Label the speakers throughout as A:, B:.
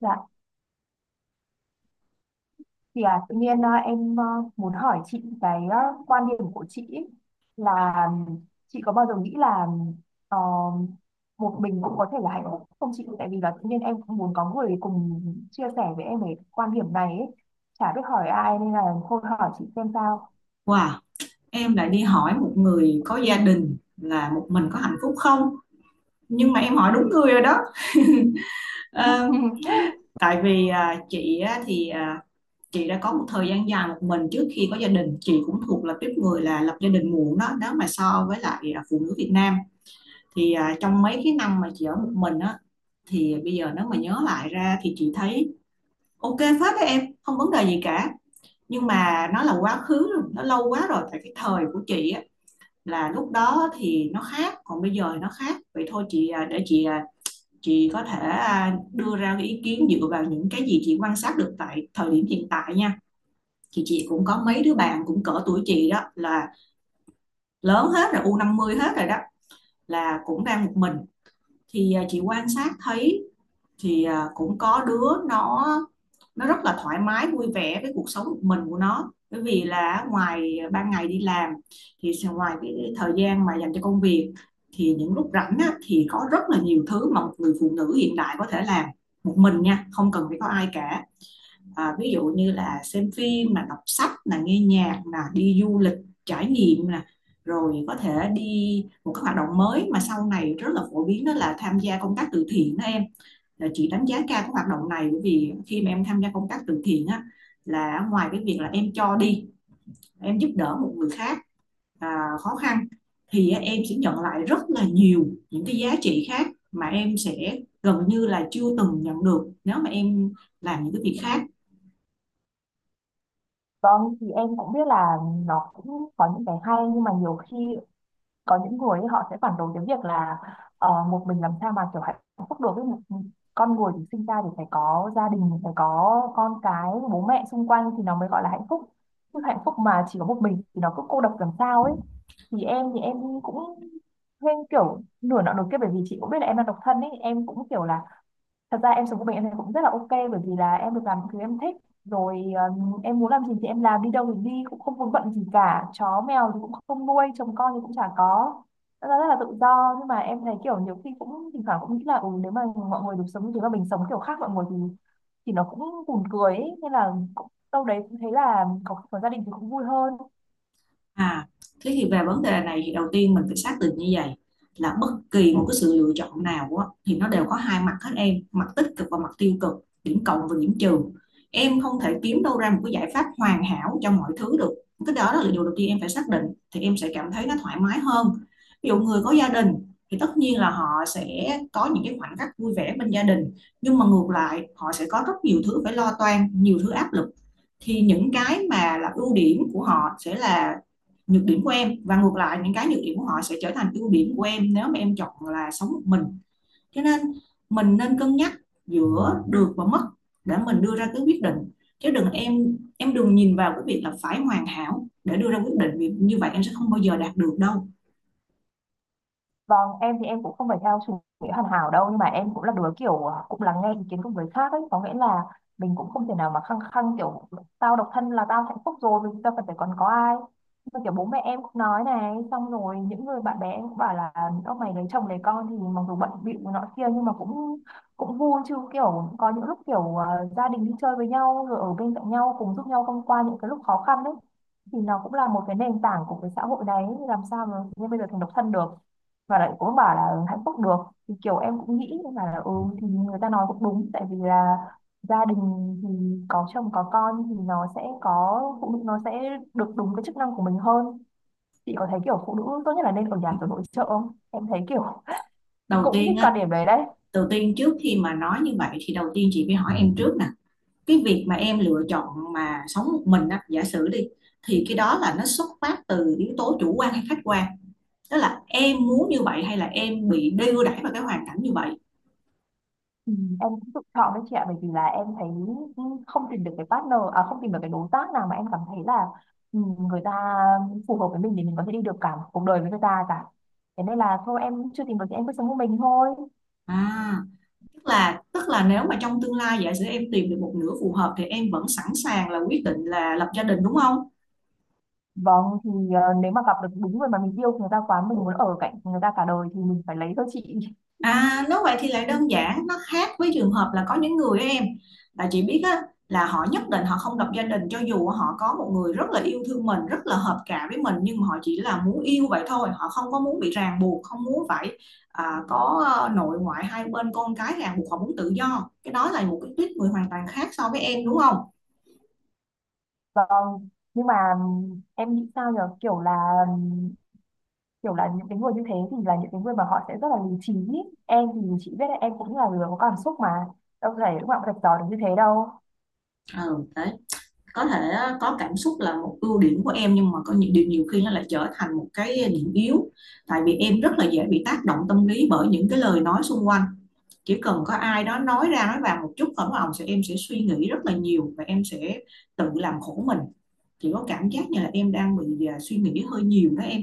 A: Dạ, thì à, tự nhiên à, em à, muốn hỏi chị quan điểm của chị ý, là chị có bao giờ nghĩ là ờ, một mình cũng có thể là hạnh phúc không chị? Tại vì là tự nhiên em cũng muốn có người cùng chia sẻ với em về quan điểm này ấy. Chả biết hỏi ai nên là thôi hỏi chị xem sao.
B: Wow, em lại đi hỏi một người có gia đình là một mình có hạnh phúc không? Nhưng mà em hỏi đúng người rồi đó. Ờ, tại vì chị á, chị đã có một thời gian dài một mình trước khi có gia đình. Chị cũng thuộc là tiếp người là lập gia đình muộn đó. Nếu mà so với lại phụ nữ Việt Nam thì trong mấy cái năm mà chị ở một mình á thì bây giờ nếu mà nhớ lại ra thì chị thấy ok phết đấy em, không vấn đề gì cả. Nhưng mà nó là quá khứ rồi, nó lâu quá rồi. Tại cái thời của chị á là lúc đó thì nó khác, còn bây giờ thì nó khác, vậy thôi chị để chị chị có thể đưa ra cái ý kiến dựa vào những cái gì chị quan sát được tại thời điểm hiện tại nha. Thì chị cũng có mấy đứa bạn cũng cỡ tuổi chị đó, là lớn hết rồi, u 50 hết rồi đó, là cũng đang một mình. Thì chị quan sát thấy thì cũng có đứa nó rất là thoải mái vui vẻ với cuộc sống một mình của nó, bởi vì là ngoài ban ngày đi làm, thì ngoài cái thời gian mà dành cho công việc, thì những lúc rảnh á, thì có rất là nhiều thứ mà một người phụ nữ hiện đại có thể làm một mình nha, không cần phải có ai cả. Ví dụ như là xem phim, là đọc sách, là nghe nhạc, là đi du lịch trải nghiệm nè, rồi có thể đi một cái hoạt động mới mà sau này rất là phổ biến, đó là tham gia công tác từ thiện đó em. Ờ, chị đánh giá cao cái hoạt động này bởi vì khi mà em tham gia công tác từ thiện á, là ngoài cái việc là em cho đi, em giúp đỡ một người khác khó khăn, thì em sẽ nhận lại rất là nhiều những cái giá trị khác mà em sẽ gần như là chưa từng nhận được nếu mà em làm những cái việc khác.
A: Vâng, thì em cũng biết là nó cũng có những cái hay, nhưng mà nhiều khi có những người ấy, họ sẽ phản đối cái việc là một mình làm sao mà kiểu hạnh phúc được ấy. Con người thì sinh ra thì phải có gia đình, phải có con cái, bố mẹ xung quanh thì nó mới gọi là hạnh phúc, chứ hạnh phúc mà chỉ có một mình thì nó cứ cô độc làm sao ấy. Thì em thì em cũng thêm kiểu nửa nọ nửa kia, bởi vì chị cũng biết là em đang độc thân ấy. Em cũng kiểu là thật ra em sống của mình em thấy cũng rất là ok, bởi vì là em được làm những thứ em thích rồi. Em muốn làm gì thì em làm, đi đâu thì đi, cũng không vướng bận gì cả, chó mèo thì cũng không nuôi, chồng con thì cũng chả có. Thật ra rất là tự do, nhưng mà em thấy kiểu nhiều khi cũng thỉnh thoảng cũng nghĩ là ừ, nếu mà mọi người được sống như thế mà mình sống kiểu khác mọi người thì nó cũng buồn cười ấy. Nên là cũng, đâu đấy cũng thấy là có gia đình thì cũng vui hơn.
B: À, thế thì về vấn đề này thì đầu tiên mình phải xác định như vậy, là bất kỳ một cái sự lựa chọn nào á, thì nó đều có hai mặt hết em, mặt tích cực và mặt tiêu cực, điểm cộng và điểm trừ. Em không thể kiếm đâu ra một cái giải pháp hoàn hảo cho mọi thứ được. Cái đó là điều đầu tiên em phải xác định, thì em sẽ cảm thấy nó thoải mái hơn. Ví dụ người có gia đình thì tất nhiên là họ sẽ có những cái khoảnh khắc vui vẻ bên gia đình, nhưng mà ngược lại họ sẽ có rất nhiều thứ phải lo toan, nhiều thứ áp lực. Thì những cái mà là ưu điểm của họ sẽ là nhược điểm của em, và ngược lại những cái nhược điểm của họ sẽ trở thành ưu điểm của em nếu mà em chọn là sống một mình. Cho nên mình nên cân nhắc giữa được và mất để mình đưa ra cái quyết định, chứ đừng, em đừng nhìn vào cái việc là phải hoàn hảo để đưa ra quyết định, vì như vậy em sẽ không bao giờ đạt được đâu.
A: Vâng, em thì em cũng không phải theo chủ nghĩa hoàn hảo đâu, nhưng mà em cũng là đứa cũng lắng nghe ý kiến của người khác ấy, có nghĩa là mình cũng không thể nào mà khăng khăng kiểu tao độc thân là tao hạnh phúc rồi, vì tao cần phải còn có ai. Nhưng mà kiểu bố mẹ em cũng nói này, xong rồi những người bạn bè em cũng bảo là ông mày lấy chồng lấy con thì mặc dù bận bịu nọ kia nhưng mà cũng cũng vui chứ, kiểu có những lúc gia đình đi chơi với nhau rồi ở bên cạnh nhau cùng giúp nhau thông qua những cái lúc khó khăn đấy, thì nó cũng là một cái nền tảng của cái xã hội đấy, làm sao mà như bây giờ thành độc thân được và lại cũng bảo là hạnh phúc được. Thì kiểu em cũng nghĩ mà là ừ, thì người ta nói cũng đúng, tại vì là gia đình thì có chồng có con thì nó sẽ có phụ nữ nó sẽ được đúng cái chức năng của mình hơn. Chị có thấy kiểu phụ nữ tốt nhất là nên ở nhà kiểu nội trợ không, em thấy kiểu
B: Đầu
A: cũng
B: tiên
A: thích
B: á,
A: quan điểm đấy đấy.
B: đầu tiên trước khi mà nói như vậy thì đầu tiên chị phải hỏi em trước nè, cái việc mà em lựa chọn mà sống một mình á, giả sử đi, thì cái đó là nó xuất phát từ yếu tố chủ quan hay khách quan, tức là em muốn như vậy hay là em bị đưa đẩy vào cái hoàn cảnh như vậy.
A: Ừ, em cũng tự chọn đấy chị ạ, bởi vì là em thấy không tìm được cái partner, à không, tìm được cái đối tác nào mà em cảm thấy là ừ, người ta phù hợp với mình để mình có thể đi được cả một cuộc đời với người ta cả. Thế nên là thôi em chưa tìm được thì em cứ sống một mình thôi.
B: À, tức là nếu mà trong tương lai giả sử em tìm được một nửa phù hợp thì em vẫn sẵn sàng là quyết định là lập gia đình đúng không?
A: Vâng, thì ờ, nếu mà gặp được đúng người mà mình yêu người ta quá, mình muốn ở cạnh người ta cả đời thì mình phải lấy thôi chị.
B: À, nếu vậy thì lại đơn giản, nó khác với trường hợp là có những người á em, là chị biết á, là họ nhất định họ không lập gia đình cho dù họ có một người rất là yêu thương mình, rất là hợp cả với mình, nhưng mà họ chỉ là muốn yêu vậy thôi, họ không có muốn bị ràng buộc, không muốn phải có nội ngoại hai bên con cái ràng buộc, họ muốn tự do. Cái đó là một cái tuýp người hoàn toàn khác so với em đúng không?
A: Vâng, nhưng mà em nghĩ sao nhở, kiểu là những cái người như thế thì là những cái người mà họ sẽ rất là lý trí. Em thì chị biết đấy, em cũng là người có cảm xúc mà, đâu thể lúc nào cũng rạch ròi được như thế đâu.
B: Ừ, đấy. Có thể có cảm xúc là một ưu điểm của em, nhưng mà có những điều nhiều khi nó lại trở thành một cái điểm yếu, tại vì em rất là dễ bị tác động tâm lý bởi những cái lời nói xung quanh. Chỉ cần có ai đó nói ra nói vào một chút ổng ổng sẽ em sẽ suy nghĩ rất là nhiều, và em sẽ tự làm khổ mình. Chỉ có cảm giác như là em đang bị suy nghĩ hơi nhiều đó em.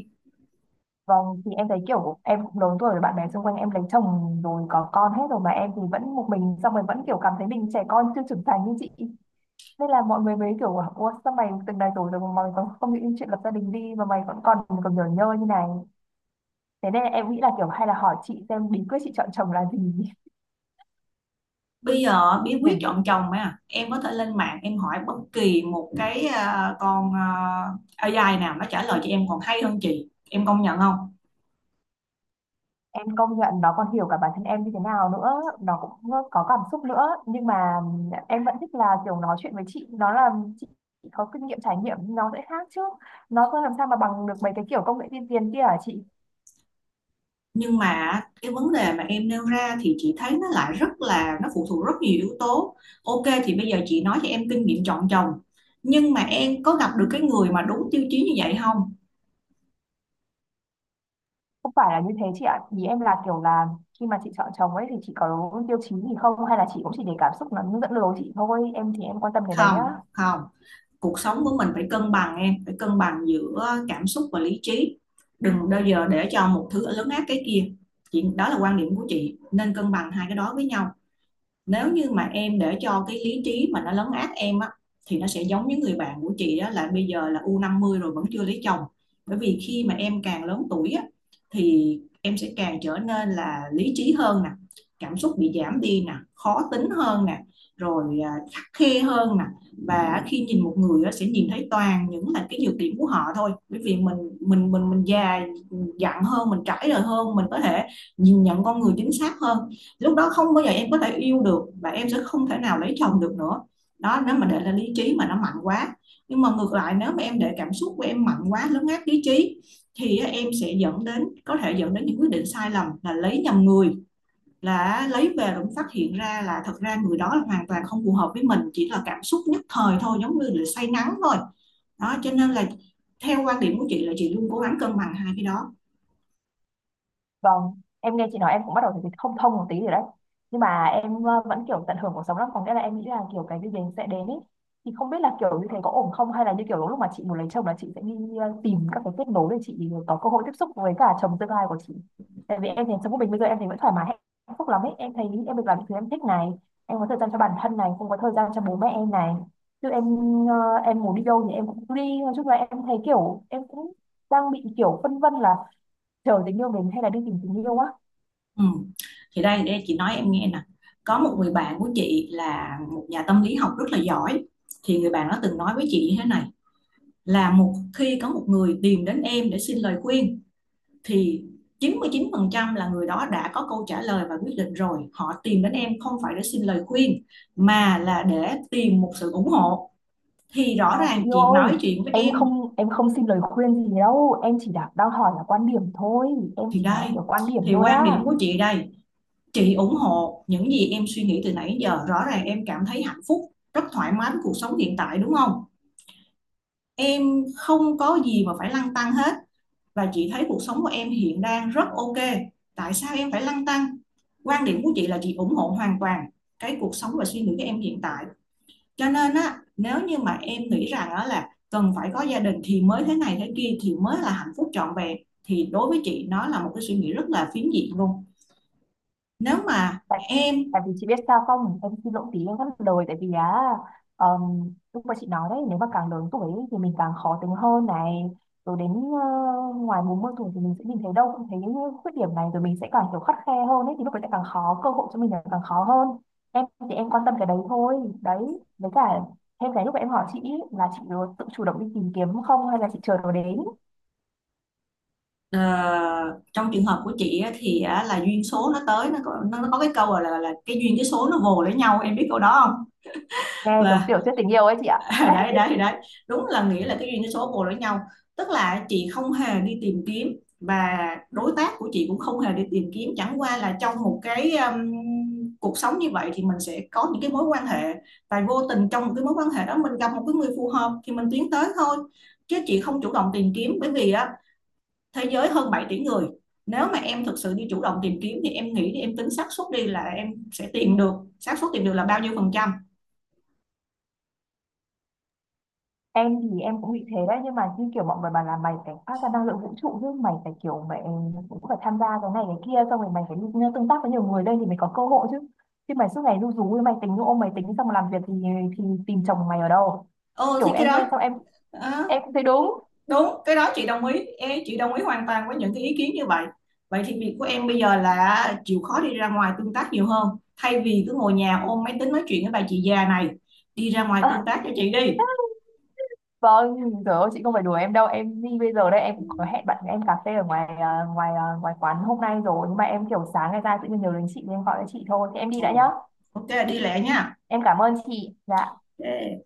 A: Vâng, thì em thấy kiểu em cũng lớn tuổi rồi, bạn bè xung quanh em lấy chồng rồi có con hết rồi mà em thì vẫn một mình, xong rồi vẫn kiểu cảm thấy mình trẻ con chưa trưởng thành như chị. Nên là mọi người mới kiểu bảo, ủa sao mày từng này rồi rồi mà mày còn không nghĩ đến chuyện lập gia đình đi mà mày vẫn còn còn nhờ nhơ như này. Thế nên em nghĩ là kiểu hay là hỏi chị xem bí quyết chị chọn chồng là gì.
B: Bây giờ bí
A: Để
B: quyết chọn chồng mà em có thể lên mạng em hỏi bất kỳ một cái AI nào, nó trả lời cho em còn hay hơn chị, em công nhận không?
A: em công nhận nó còn hiểu cả bản thân em như thế nào nữa, nó cũng có cảm xúc nữa, nhưng mà em vẫn thích là kiểu nói chuyện với chị, nó là chị có kinh nghiệm trải nghiệm nó sẽ khác chứ, nó không làm sao mà bằng được mấy cái kiểu công nghệ tiên tiến kia hả chị.
B: Nhưng mà cái vấn đề mà em nêu ra thì chị thấy nó lại rất là, nó phụ thuộc rất nhiều yếu tố. Ok thì bây giờ chị nói cho em kinh nghiệm chọn chồng, nhưng mà em có gặp được cái người mà đúng tiêu chí như vậy không?
A: Không phải là như thế chị ạ, ý em là kiểu là khi mà chị chọn chồng ấy thì chị có tiêu chí gì không, hay là chị cũng chỉ để cảm xúc nó dẫn lối chị thôi, em thì em quan tâm cái đấy á.
B: Không, cuộc sống của mình phải cân bằng, em phải cân bằng giữa cảm xúc và lý trí, đừng bao giờ để cho một thứ lớn áp cái kia. Chị, đó là quan điểm của chị, nên cân bằng hai cái đó với nhau. Nếu như mà em để cho cái lý trí mà nó lấn át em á, thì nó sẽ giống những người bạn của chị đó, là bây giờ là u 50 rồi vẫn chưa lấy chồng. Bởi vì khi mà em càng lớn tuổi á, thì em sẽ càng trở nên là lý trí hơn nè, cảm xúc bị giảm đi nè, khó tính hơn nè, rồi khắt khe hơn nè, và khi nhìn một người á, sẽ nhìn thấy toàn những là cái nhược điểm của họ thôi, bởi vì mình già dặn hơn, mình trải đời hơn, mình có thể nhìn nhận con người chính xác hơn. Lúc đó không bao giờ em có thể yêu được, và em sẽ không thể nào lấy chồng được nữa, đó nếu mà để là lý trí mà nó mạnh quá. Nhưng mà ngược lại nếu mà em để cảm xúc của em mạnh quá lấn át lý trí, thì em sẽ dẫn đến, có thể dẫn đến những quyết định sai lầm là lấy nhầm người, là lấy về rồi cũng phát hiện ra là thật ra người đó là hoàn toàn không phù hợp với mình, chỉ là cảm xúc nhất thời thôi, giống như là say nắng thôi. Đó cho nên là theo quan điểm của chị là chị luôn cố gắng cân bằng hai cái đó.
A: Vâng, em nghe chị nói em cũng bắt đầu thấy không thông một tí rồi đấy. Nhưng mà em vẫn kiểu tận hưởng cuộc sống lắm, có nghĩa là em nghĩ là kiểu cái gì đến sẽ đến ấy. Thì không biết là kiểu như thế có ổn không, hay là như kiểu lúc mà chị muốn lấy chồng là chị sẽ đi tìm các cái kết nối để chị có cơ hội tiếp xúc với cả chồng tương lai của chị. Tại vì em thấy sống của mình bây giờ em thấy vẫn thoải mái hạnh phúc lắm ấy. Em thấy em được làm những thứ em thích này, em có thời gian cho bản thân này, cũng có thời gian cho bố mẹ em này. Chứ em em muốn đi đâu thì em cũng đi, nói chung là em thấy kiểu em cũng đang bị kiểu phân vân là chờ tình yêu đến hay là đi tìm tình yêu á.
B: Ừ. Thì đây đây, chị nói em nghe nè, có một người bạn của chị là một nhà tâm lý học rất là giỏi, thì người bạn đó từng nói với chị như thế này, là một khi có một người tìm đến em để xin lời khuyên, thì chín 99% là người đó đã có câu trả lời và quyết định rồi, họ tìm đến em không phải để xin lời khuyên mà là để tìm một sự ủng hộ. Thì rõ
A: À chị
B: ràng
A: yêu
B: chị
A: ơi,
B: nói chuyện với
A: em
B: em,
A: không em không xin lời khuyên gì đâu, em chỉ đặt đang hỏi là quan điểm thôi, em
B: thì
A: chỉ nói là
B: đây,
A: kiểu quan điểm
B: thì
A: thôi
B: quan điểm
A: á.
B: của chị đây. Chị ủng hộ những gì em suy nghĩ từ nãy giờ, rõ ràng em cảm thấy hạnh phúc, rất thoải mái với cuộc sống hiện tại đúng không? Em không có gì mà phải lăn tăn hết, và chị thấy cuộc sống của em hiện đang rất ok. Tại sao em phải lăn tăn? Quan điểm của chị là chị ủng hộ hoàn toàn cái cuộc sống và suy nghĩ của em hiện tại. Cho nên á, nếu như mà em nghĩ rằng á là cần phải có gia đình thì mới thế này thế kia thì mới là hạnh phúc trọn vẹn, thì đối với chị nó là một cái suy nghĩ rất là phiến diện luôn. Nếu mà
A: tại,
B: em.
A: Tại vì chị biết sao không, em xin lỗi tí em vẫn lời, tại vì á lúc mà chị nói đấy nếu mà càng lớn tuổi ấy thì mình càng khó tính hơn này, rồi đến ngoài 40 tuổi thì mình sẽ nhìn thấy đâu cũng thấy những khuyết điểm này, rồi mình sẽ càng kiểu khắt khe hơn ấy, thì lúc đấy sẽ càng khó, cơ hội cho mình là càng khó hơn. Em thì em quan tâm cái đấy thôi đấy. Với cả thêm cái lúc mà em hỏi chị ý, là chị tự chủ động đi tìm kiếm không hay là chị chờ nó đến.
B: Ờ, trong trường hợp của chị á, thì á, là duyên số nó tới, nó có cái câu là cái duyên cái số nó vồ lấy nhau, em biết câu đó không?
A: Nghe giống
B: Là
A: tiểu thuyết tình yêu ấy chị ạ.
B: đấy đấy đấy, đúng là nghĩa là cái duyên cái số vồ lấy nhau, tức là chị không hề đi tìm kiếm, và đối tác của chị cũng không hề đi tìm kiếm, chẳng qua là trong một cái cuộc sống như vậy thì mình sẽ có những cái mối quan hệ, và vô tình trong một cái mối quan hệ đó mình gặp một cái người phù hợp thì mình tiến tới thôi, chứ chị không chủ động tìm kiếm. Bởi vì á, thế giới hơn 7 tỷ người, nếu mà em thực sự đi chủ động tìm kiếm thì em nghĩ, thì em tính xác suất đi, là em sẽ tìm được. Xác suất tìm được là bao nhiêu phần trăm?
A: em thì em cũng bị thế đấy, nhưng mà như kiểu mọi người bảo là mày phải phát ra năng lượng vũ trụ chứ, mày phải kiểu mày cũng phải tham gia cái này cái kia, xong rồi mày phải đi tương tác với nhiều người đây thì mày có cơ hội chứ, chứ mày suốt ngày ru rú mày tính ôm máy tính xong mà làm việc thì tìm chồng mày ở đâu.
B: Ừ thì
A: Kiểu
B: cái
A: em
B: đó,
A: nghe xong em
B: ờ,
A: em cũng thấy đúng.
B: đúng, cái đó chị đồng ý. Ê, chị đồng ý hoàn toàn với những cái ý kiến như vậy, vậy thì việc của em bây giờ là chịu khó đi ra ngoài tương tác nhiều hơn, thay vì cứ ngồi nhà ôm máy tính nói chuyện với bà chị già này, đi ra ngoài tương
A: à,
B: tác cho chị đi.
A: vâng, trời ơi chị không phải đùa em đâu, em đi bây giờ đây, em cũng có hẹn bạn em cà phê ở ngoài quán hôm nay rồi, nhưng mà em kiểu sáng ngày ra tự nhiên nhớ đến chị nên em gọi cho chị thôi, thì em đi đã nhá.
B: Ồ, ok, đi lẹ nha.
A: Em cảm ơn chị dạ.
B: Ok.